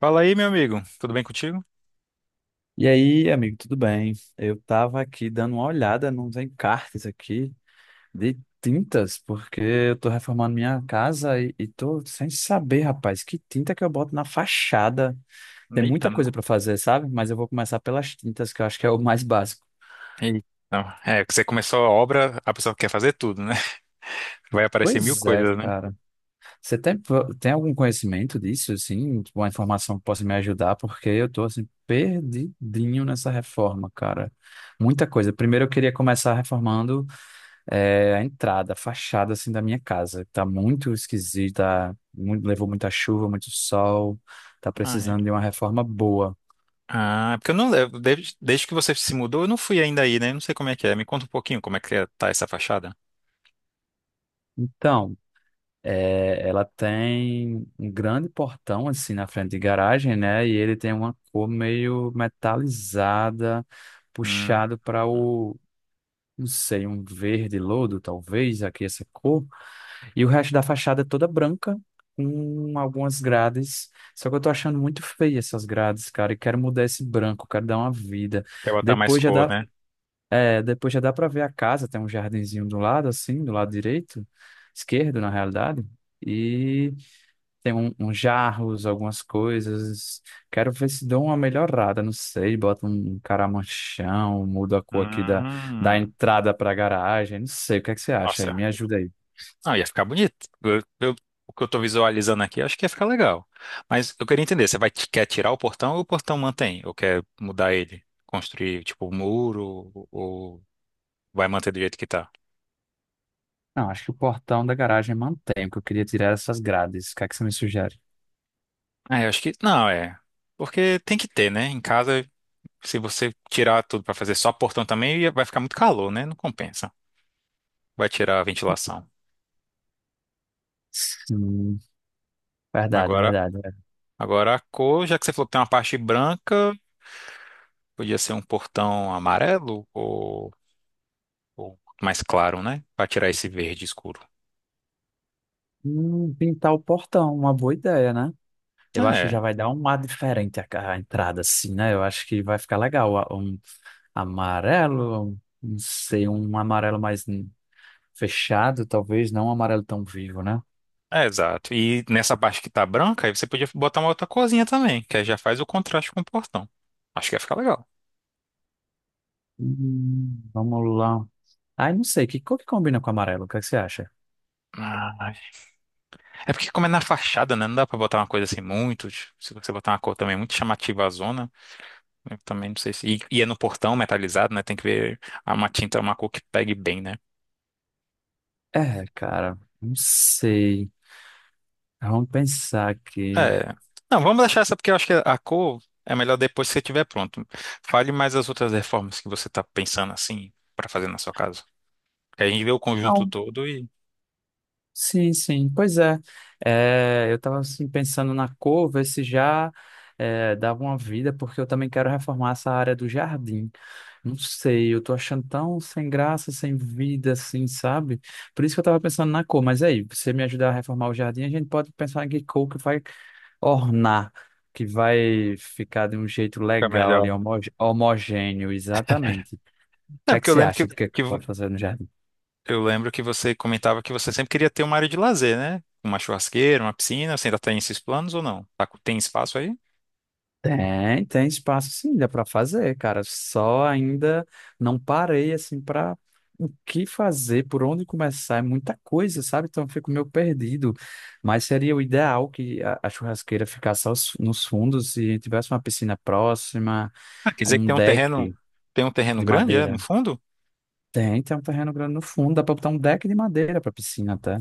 Fala aí, meu amigo. Tudo bem contigo? E aí, amigo, tudo bem? Eu tava aqui dando uma olhada nos encartes aqui de tintas, porque eu tô reformando minha casa e tô sem saber, rapaz, que tinta que eu boto na fachada. Tem Eita, muita coisa pra fazer, sabe? Mas eu vou começar pelas tintas, que eu acho que é o mais básico. eita. É, que você começou a obra, a pessoa quer fazer tudo, né? Vai aparecer mil Pois é, coisas, né? cara. Você tem, tem algum conhecimento disso, assim? Tipo, uma informação que possa me ajudar? Porque eu tô, assim, perdidinho nessa reforma, cara. Muita coisa. Primeiro eu queria começar reformando. É a entrada, a fachada assim da minha casa. Tá muito esquisita, levou muita chuva, muito sol, tá Ah, é. precisando de uma reforma boa. Ah, porque eu não levo. Desde que você se mudou, eu não fui ainda aí, né? Não sei como é que é. Me conta um pouquinho como é que tá essa fachada. Então, é, ela tem um grande portão assim na frente de garagem, né? E ele tem uma cor meio metalizada, Hum, puxado para o, não sei, um verde lodo, talvez, aqui essa cor. E o resto da fachada é toda branca, com algumas grades. Só que eu tô achando muito feia essas grades, cara, e quero mudar esse branco, quero dar uma vida. quer botar mais Depois já cor, dá, né? Depois já dá para ver a casa, tem um jardinzinho do lado, assim, do lado direito, esquerdo, na realidade. E tem um, uns jarros, algumas coisas. Quero ver se dou uma melhorada, não sei, bota um caramanchão, muda a cor da Hum, entrada para a garagem, não sei, o que é que você acha aí? nossa, Me ajuda aí. não, ia ficar bonito. O que eu tô visualizando aqui, acho que ia ficar legal. Mas eu queria entender, você vai, quer tirar o portão ou o portão mantém? Ou quer mudar ele? Construir, tipo, um muro? Ou vai manter do jeito que tá? Não, acho que o portão da garagem mantém, porque eu queria tirar essas grades. O que é que você me sugere? Ah, eu acho que... Não, é. Porque tem que ter, né? Em casa, se você tirar tudo pra fazer só portão também, vai ficar muito calor, né? Não compensa. Vai tirar a ventilação. Sim, verdade, Agora, verdade, verdade. agora a cor, já que você falou que tem uma parte branca, podia ser um portão amarelo? Ou mais claro, né? Para tirar esse verde escuro. Pintar o portão, uma boa ideia, né? Eu acho que já É, vai dar um ar a entrada, assim, né? Eu acho que vai ficar legal. Um amarelo, não sei, um amarelo mais fechado, talvez, não um amarelo tão vivo, né? é exato. E nessa parte que tá branca, aí você podia botar uma outra corzinha também, que aí já faz o contraste com o portão. Acho que ia ficar legal. Vamos lá. Ai, não sei, que cor que combina com amarelo? O que é que você acha? Ah, é porque como é na fachada, né? Não dá pra botar uma coisa assim muito. Se você botar uma cor também muito chamativa à zona, eu também não sei se. E é no portão metalizado, né? Tem que ver uma tinta, uma cor que pegue bem, né? É, cara, não sei. Vamos pensar aqui. É. Não, vamos deixar essa porque eu acho que a cor é melhor depois que você estiver pronto. Fale mais as outras reformas que você está pensando assim para fazer na sua casa. Que a gente vê o conjunto Não. todo e Sim, sim. Pois é. É, eu estava assim, pensando na cor, ver se dava uma vida, porque eu também quero reformar essa área do jardim. Não sei, eu tô achando tão sem graça, sem vida, assim, sabe? Por isso que eu estava pensando na cor. Mas aí, você me ajudar a reformar o jardim, a gente pode pensar em que cor que vai ornar, que vai ficar de um jeito fica legal melhor, ali, né? Homogêneo, exatamente. O É que é que porque eu você lembro acha do que é que pode fazer no jardim? eu lembro que você comentava que você sempre queria ter uma área de lazer, né? Uma churrasqueira, uma piscina. Você ainda tem esses planos ou não? Tem espaço aí? Tem, tem espaço sim, dá para fazer, cara. Só ainda não parei assim para o que fazer, por onde começar, é muita coisa, sabe? Então eu fico meio perdido. Mas seria o ideal que a churrasqueira ficasse nos fundos e tivesse uma piscina próxima, Ah, quer com dizer que um deck tem um terreno de grande, é, no madeira. fundo? Tem, tem um terreno grande no fundo, dá para botar um deck de madeira para piscina até.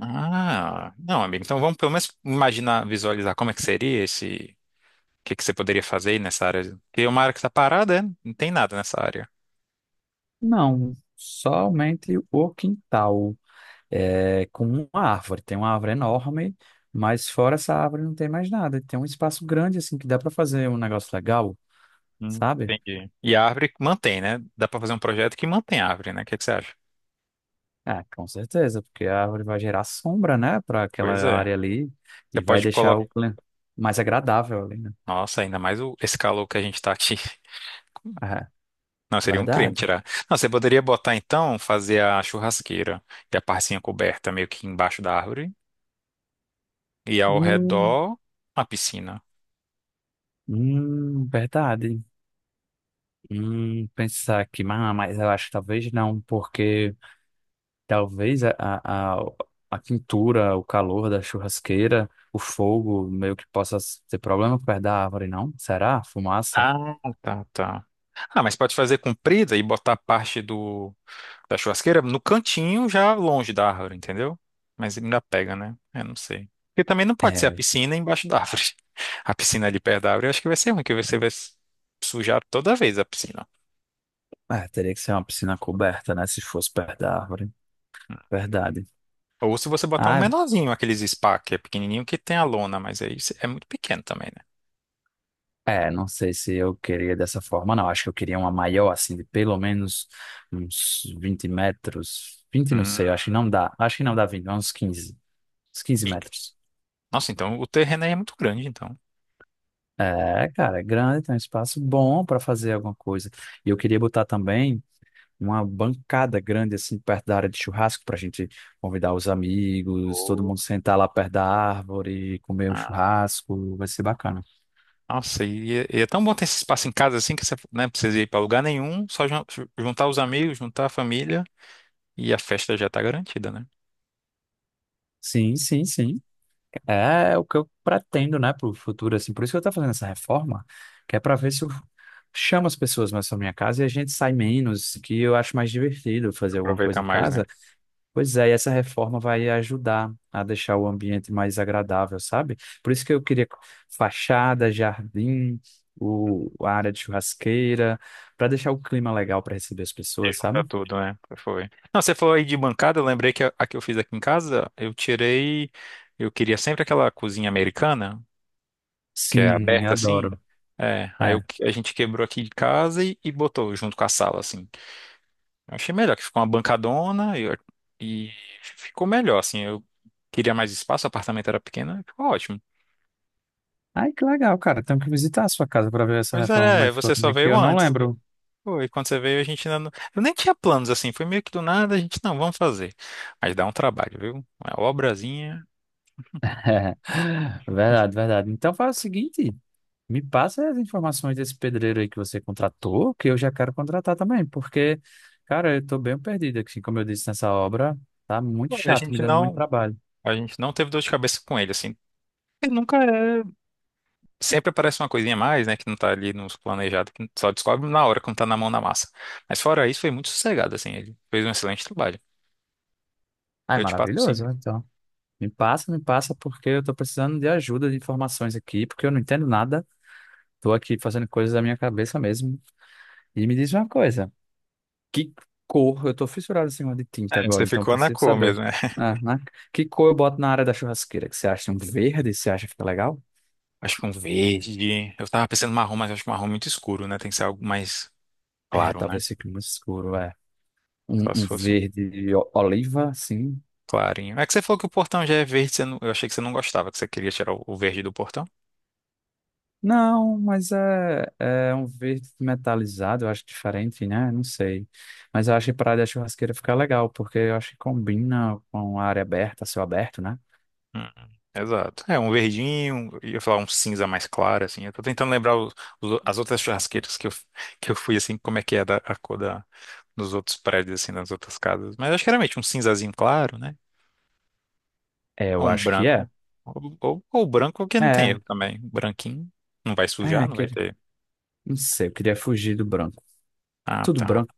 Ah, não, amigo. Então vamos pelo menos imaginar, visualizar como é que seria esse que você poderia fazer aí nessa área? Porque uma área que está parada, né? Não tem nada nessa área. Não, somente o quintal, é, com uma árvore. Tem uma árvore enorme, mas fora essa árvore não tem mais nada. Tem um espaço grande, assim, que dá para fazer um negócio legal, sabe? Entendi. E a árvore que mantém, né? Dá para fazer um projeto que mantém a árvore, né? O que que você acha? Ah, com certeza, porque a árvore vai gerar sombra, né, para aquela Pois é. área ali Você e vai pode deixar colocar. Mais agradável ali, né? Nossa, ainda mais o... esse calor que a gente tá aqui. Ah, Não, seria um crime verdade. tirar. Não, você poderia botar então, fazer a churrasqueira e a parcinha coberta meio que embaixo da árvore e ao Hum, redor uma piscina. Verdade. Pensar que, mas eu acho que talvez não, porque. Talvez a a quintura, o calor da churrasqueira, o fogo, meio que possa ser problema perto da árvore, não? Será? Fumaça? Ah, tá, tá. Ah, mas pode fazer comprida e botar parte do da churrasqueira no cantinho, já longe da árvore, entendeu? Mas ele ainda pega, né? Eu não sei. Porque também não pode ser a É, piscina embaixo da árvore. A piscina ali perto da árvore, eu acho que vai ser ruim, que você vai sujar toda vez a piscina. ah, teria que ser uma piscina coberta, né? Se fosse perto da árvore. Verdade. Ou se você botar um Ah, menorzinho, aqueles spa, que é pequenininho, que tem a lona, mas aí é muito pequeno também, né? é, não sei se eu queria dessa forma, não. Acho que eu queria uma maior, assim, de pelo menos uns 20 metros. Vinte não sei, Hum. acho que não dá. Acho que não dá 20 uns quinze. Uns 15 metros. Nossa, então o terreno aí é muito grande, então. É, cara, é grande, tem um espaço bom para fazer alguma coisa. E eu queria botar também uma bancada grande, assim, perto da área de churrasco, para a gente convidar os amigos, todo Oh. mundo sentar lá perto da árvore, comer o churrasco, vai ser bacana. Nossa, e é tão bom ter esse espaço em casa assim que você né, não precisa ir pra lugar nenhum, só juntar os amigos, juntar a família e a festa já tá garantida, né? Sim, sim, sim. É o que eu pretendo, né, para o futuro, assim. Por isso que eu estou fazendo essa reforma, que é para ver se eu chamo as pessoas mais para minha casa e a gente sai menos, que eu acho mais divertido fazer alguma coisa Aproveita em mais, né? casa. Pois é, e essa reforma vai ajudar a deixar o ambiente mais agradável, sabe? Por isso que eu queria fachada, jardim, a área de churrasqueira, para deixar o clima legal para receber as E pessoas, juntar sabe? tudo, né? Foi. Não, você falou aí de bancada, eu lembrei que a que eu fiz aqui em casa, eu tirei. Eu queria sempre aquela cozinha americana, que é Sim, eu aberta assim. adoro. É, É. A gente quebrou aqui de casa e botou junto com a sala, assim. Eu achei melhor, que ficou uma bancadona e ficou melhor, assim. Eu queria mais espaço, o apartamento era pequeno, e ficou ótimo. Ai, que legal, cara. Tenho que visitar a sua casa para ver essa Pois reforma como é é, é, que ficou você só também, que veio eu não antes. lembro. Pô, e quando você veio, a gente ainda não... Eu nem tinha planos, assim, foi meio que do nada, a gente, não, vamos fazer. Mas dá um trabalho, viu? Uma obrazinha. Verdade, verdade. Então faz o seguinte. Me passa as informações desse pedreiro aí que você contratou, que eu já quero contratar também, porque, cara, eu tô bem perdido aqui, como eu disse nessa obra, tá muito Pô, e chato, me dando muito trabalho. a gente não teve dor de cabeça com ele, assim. Ele nunca é... Sempre aparece uma coisinha a mais, né, que não tá ali nos planejados, que só descobre na hora, quando tá na mão na massa. Mas fora isso, foi muito sossegado, assim, ele fez um excelente trabalho. Ai, Eu te passo, sim. maravilhoso, então. Me passa, porque eu tô precisando de ajuda, de informações aqui, porque eu não entendo nada, tô aqui fazendo coisas da minha cabeça mesmo. E me diz uma coisa, que cor, eu tô fissurado em cima de tinta É, agora, você então ficou na preciso cor saber. mesmo, né? Ah, né? Que cor eu boto na área da churrasqueira? Que você acha um verde? Você acha que fica legal? Acho que um verde. Eu tava pensando marrom, mas acho que marrom é muito escuro, né? Tem que ser algo mais É, claro, né? talvez fique muito escuro, é. Só Um, se um fosse um verde oliva, assim. clarinho. É que você falou que o portão já é verde, você não- eu achei que você não gostava, que você queria tirar o verde do portão. Não, mas é um verde metalizado, eu acho diferente, né? Não sei. Mas eu acho que praia da churrasqueira fica legal, porque eu acho que combina com a área aberta, céu aberto, né? Hum, Exato. É, um verdinho, eu ia falar um cinza mais claro, assim. Eu tô tentando lembrar as outras churrasqueiras que eu fui, assim, como é que é a cor da, dos outros prédios, assim, das outras casas. Mas acho que geralmente um cinzazinho claro, né? É, eu Ou um acho que é. branco. Ou branco, que não tem É, erro também. Um branquinho. Não vai sujar, não vai aquele, ter. não sei, eu queria fugir do branco. Ah, Tudo tá. branco.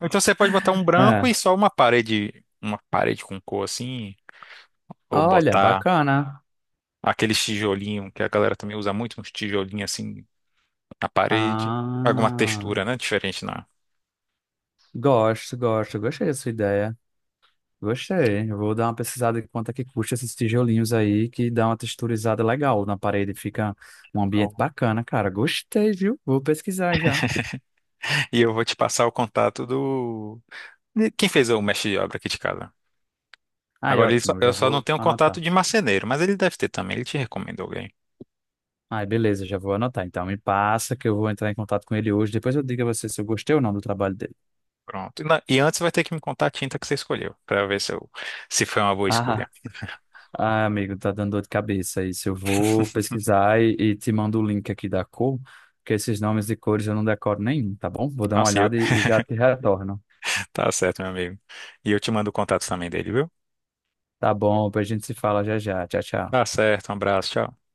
Então você pode botar um branco É. e só uma parede com cor, assim. Ou Olha, botar bacana. aqueles tijolinho que a galera também usa muito, uns tijolinhos, assim, na parede, alguma Ah, textura, né, diferente na. gosto, gosto, gostei dessa ideia. Gostei. Eu vou dar uma pesquisada em quanto é que custa esses tijolinhos aí, que dá uma texturizada legal na parede. Fica um ambiente Não. bacana, cara. Gostei, viu? Vou pesquisar já. E eu vou te passar o contato do de quem fez o mestre de obra aqui de casa. Ai, Agora ótimo, eu eu já só não vou tenho contato anotar. de marceneiro, mas ele deve ter também. Ele te recomendou alguém. Ai, beleza, já vou anotar. Então, me passa que eu vou entrar em contato com ele hoje. Depois eu digo a você se eu gostei ou não do trabalho dele. Pronto. E e antes vai ter que me contar a tinta que você escolheu, para ver se, eu, se foi uma boa Ah, escolha. ah, amigo, tá dando dor de cabeça isso. Eu vou pesquisar e te mando o link aqui da cor, porque esses nomes de cores eu não decoro nenhum, tá bom? Vou dar uma Nossa, e eu, olhada e já te retorno. tá certo, meu amigo. E eu te mando o contato também dele, viu? Tá bom, depois a gente se fala já já. Tchau, Tá tchau. certo, um abraço, tchau.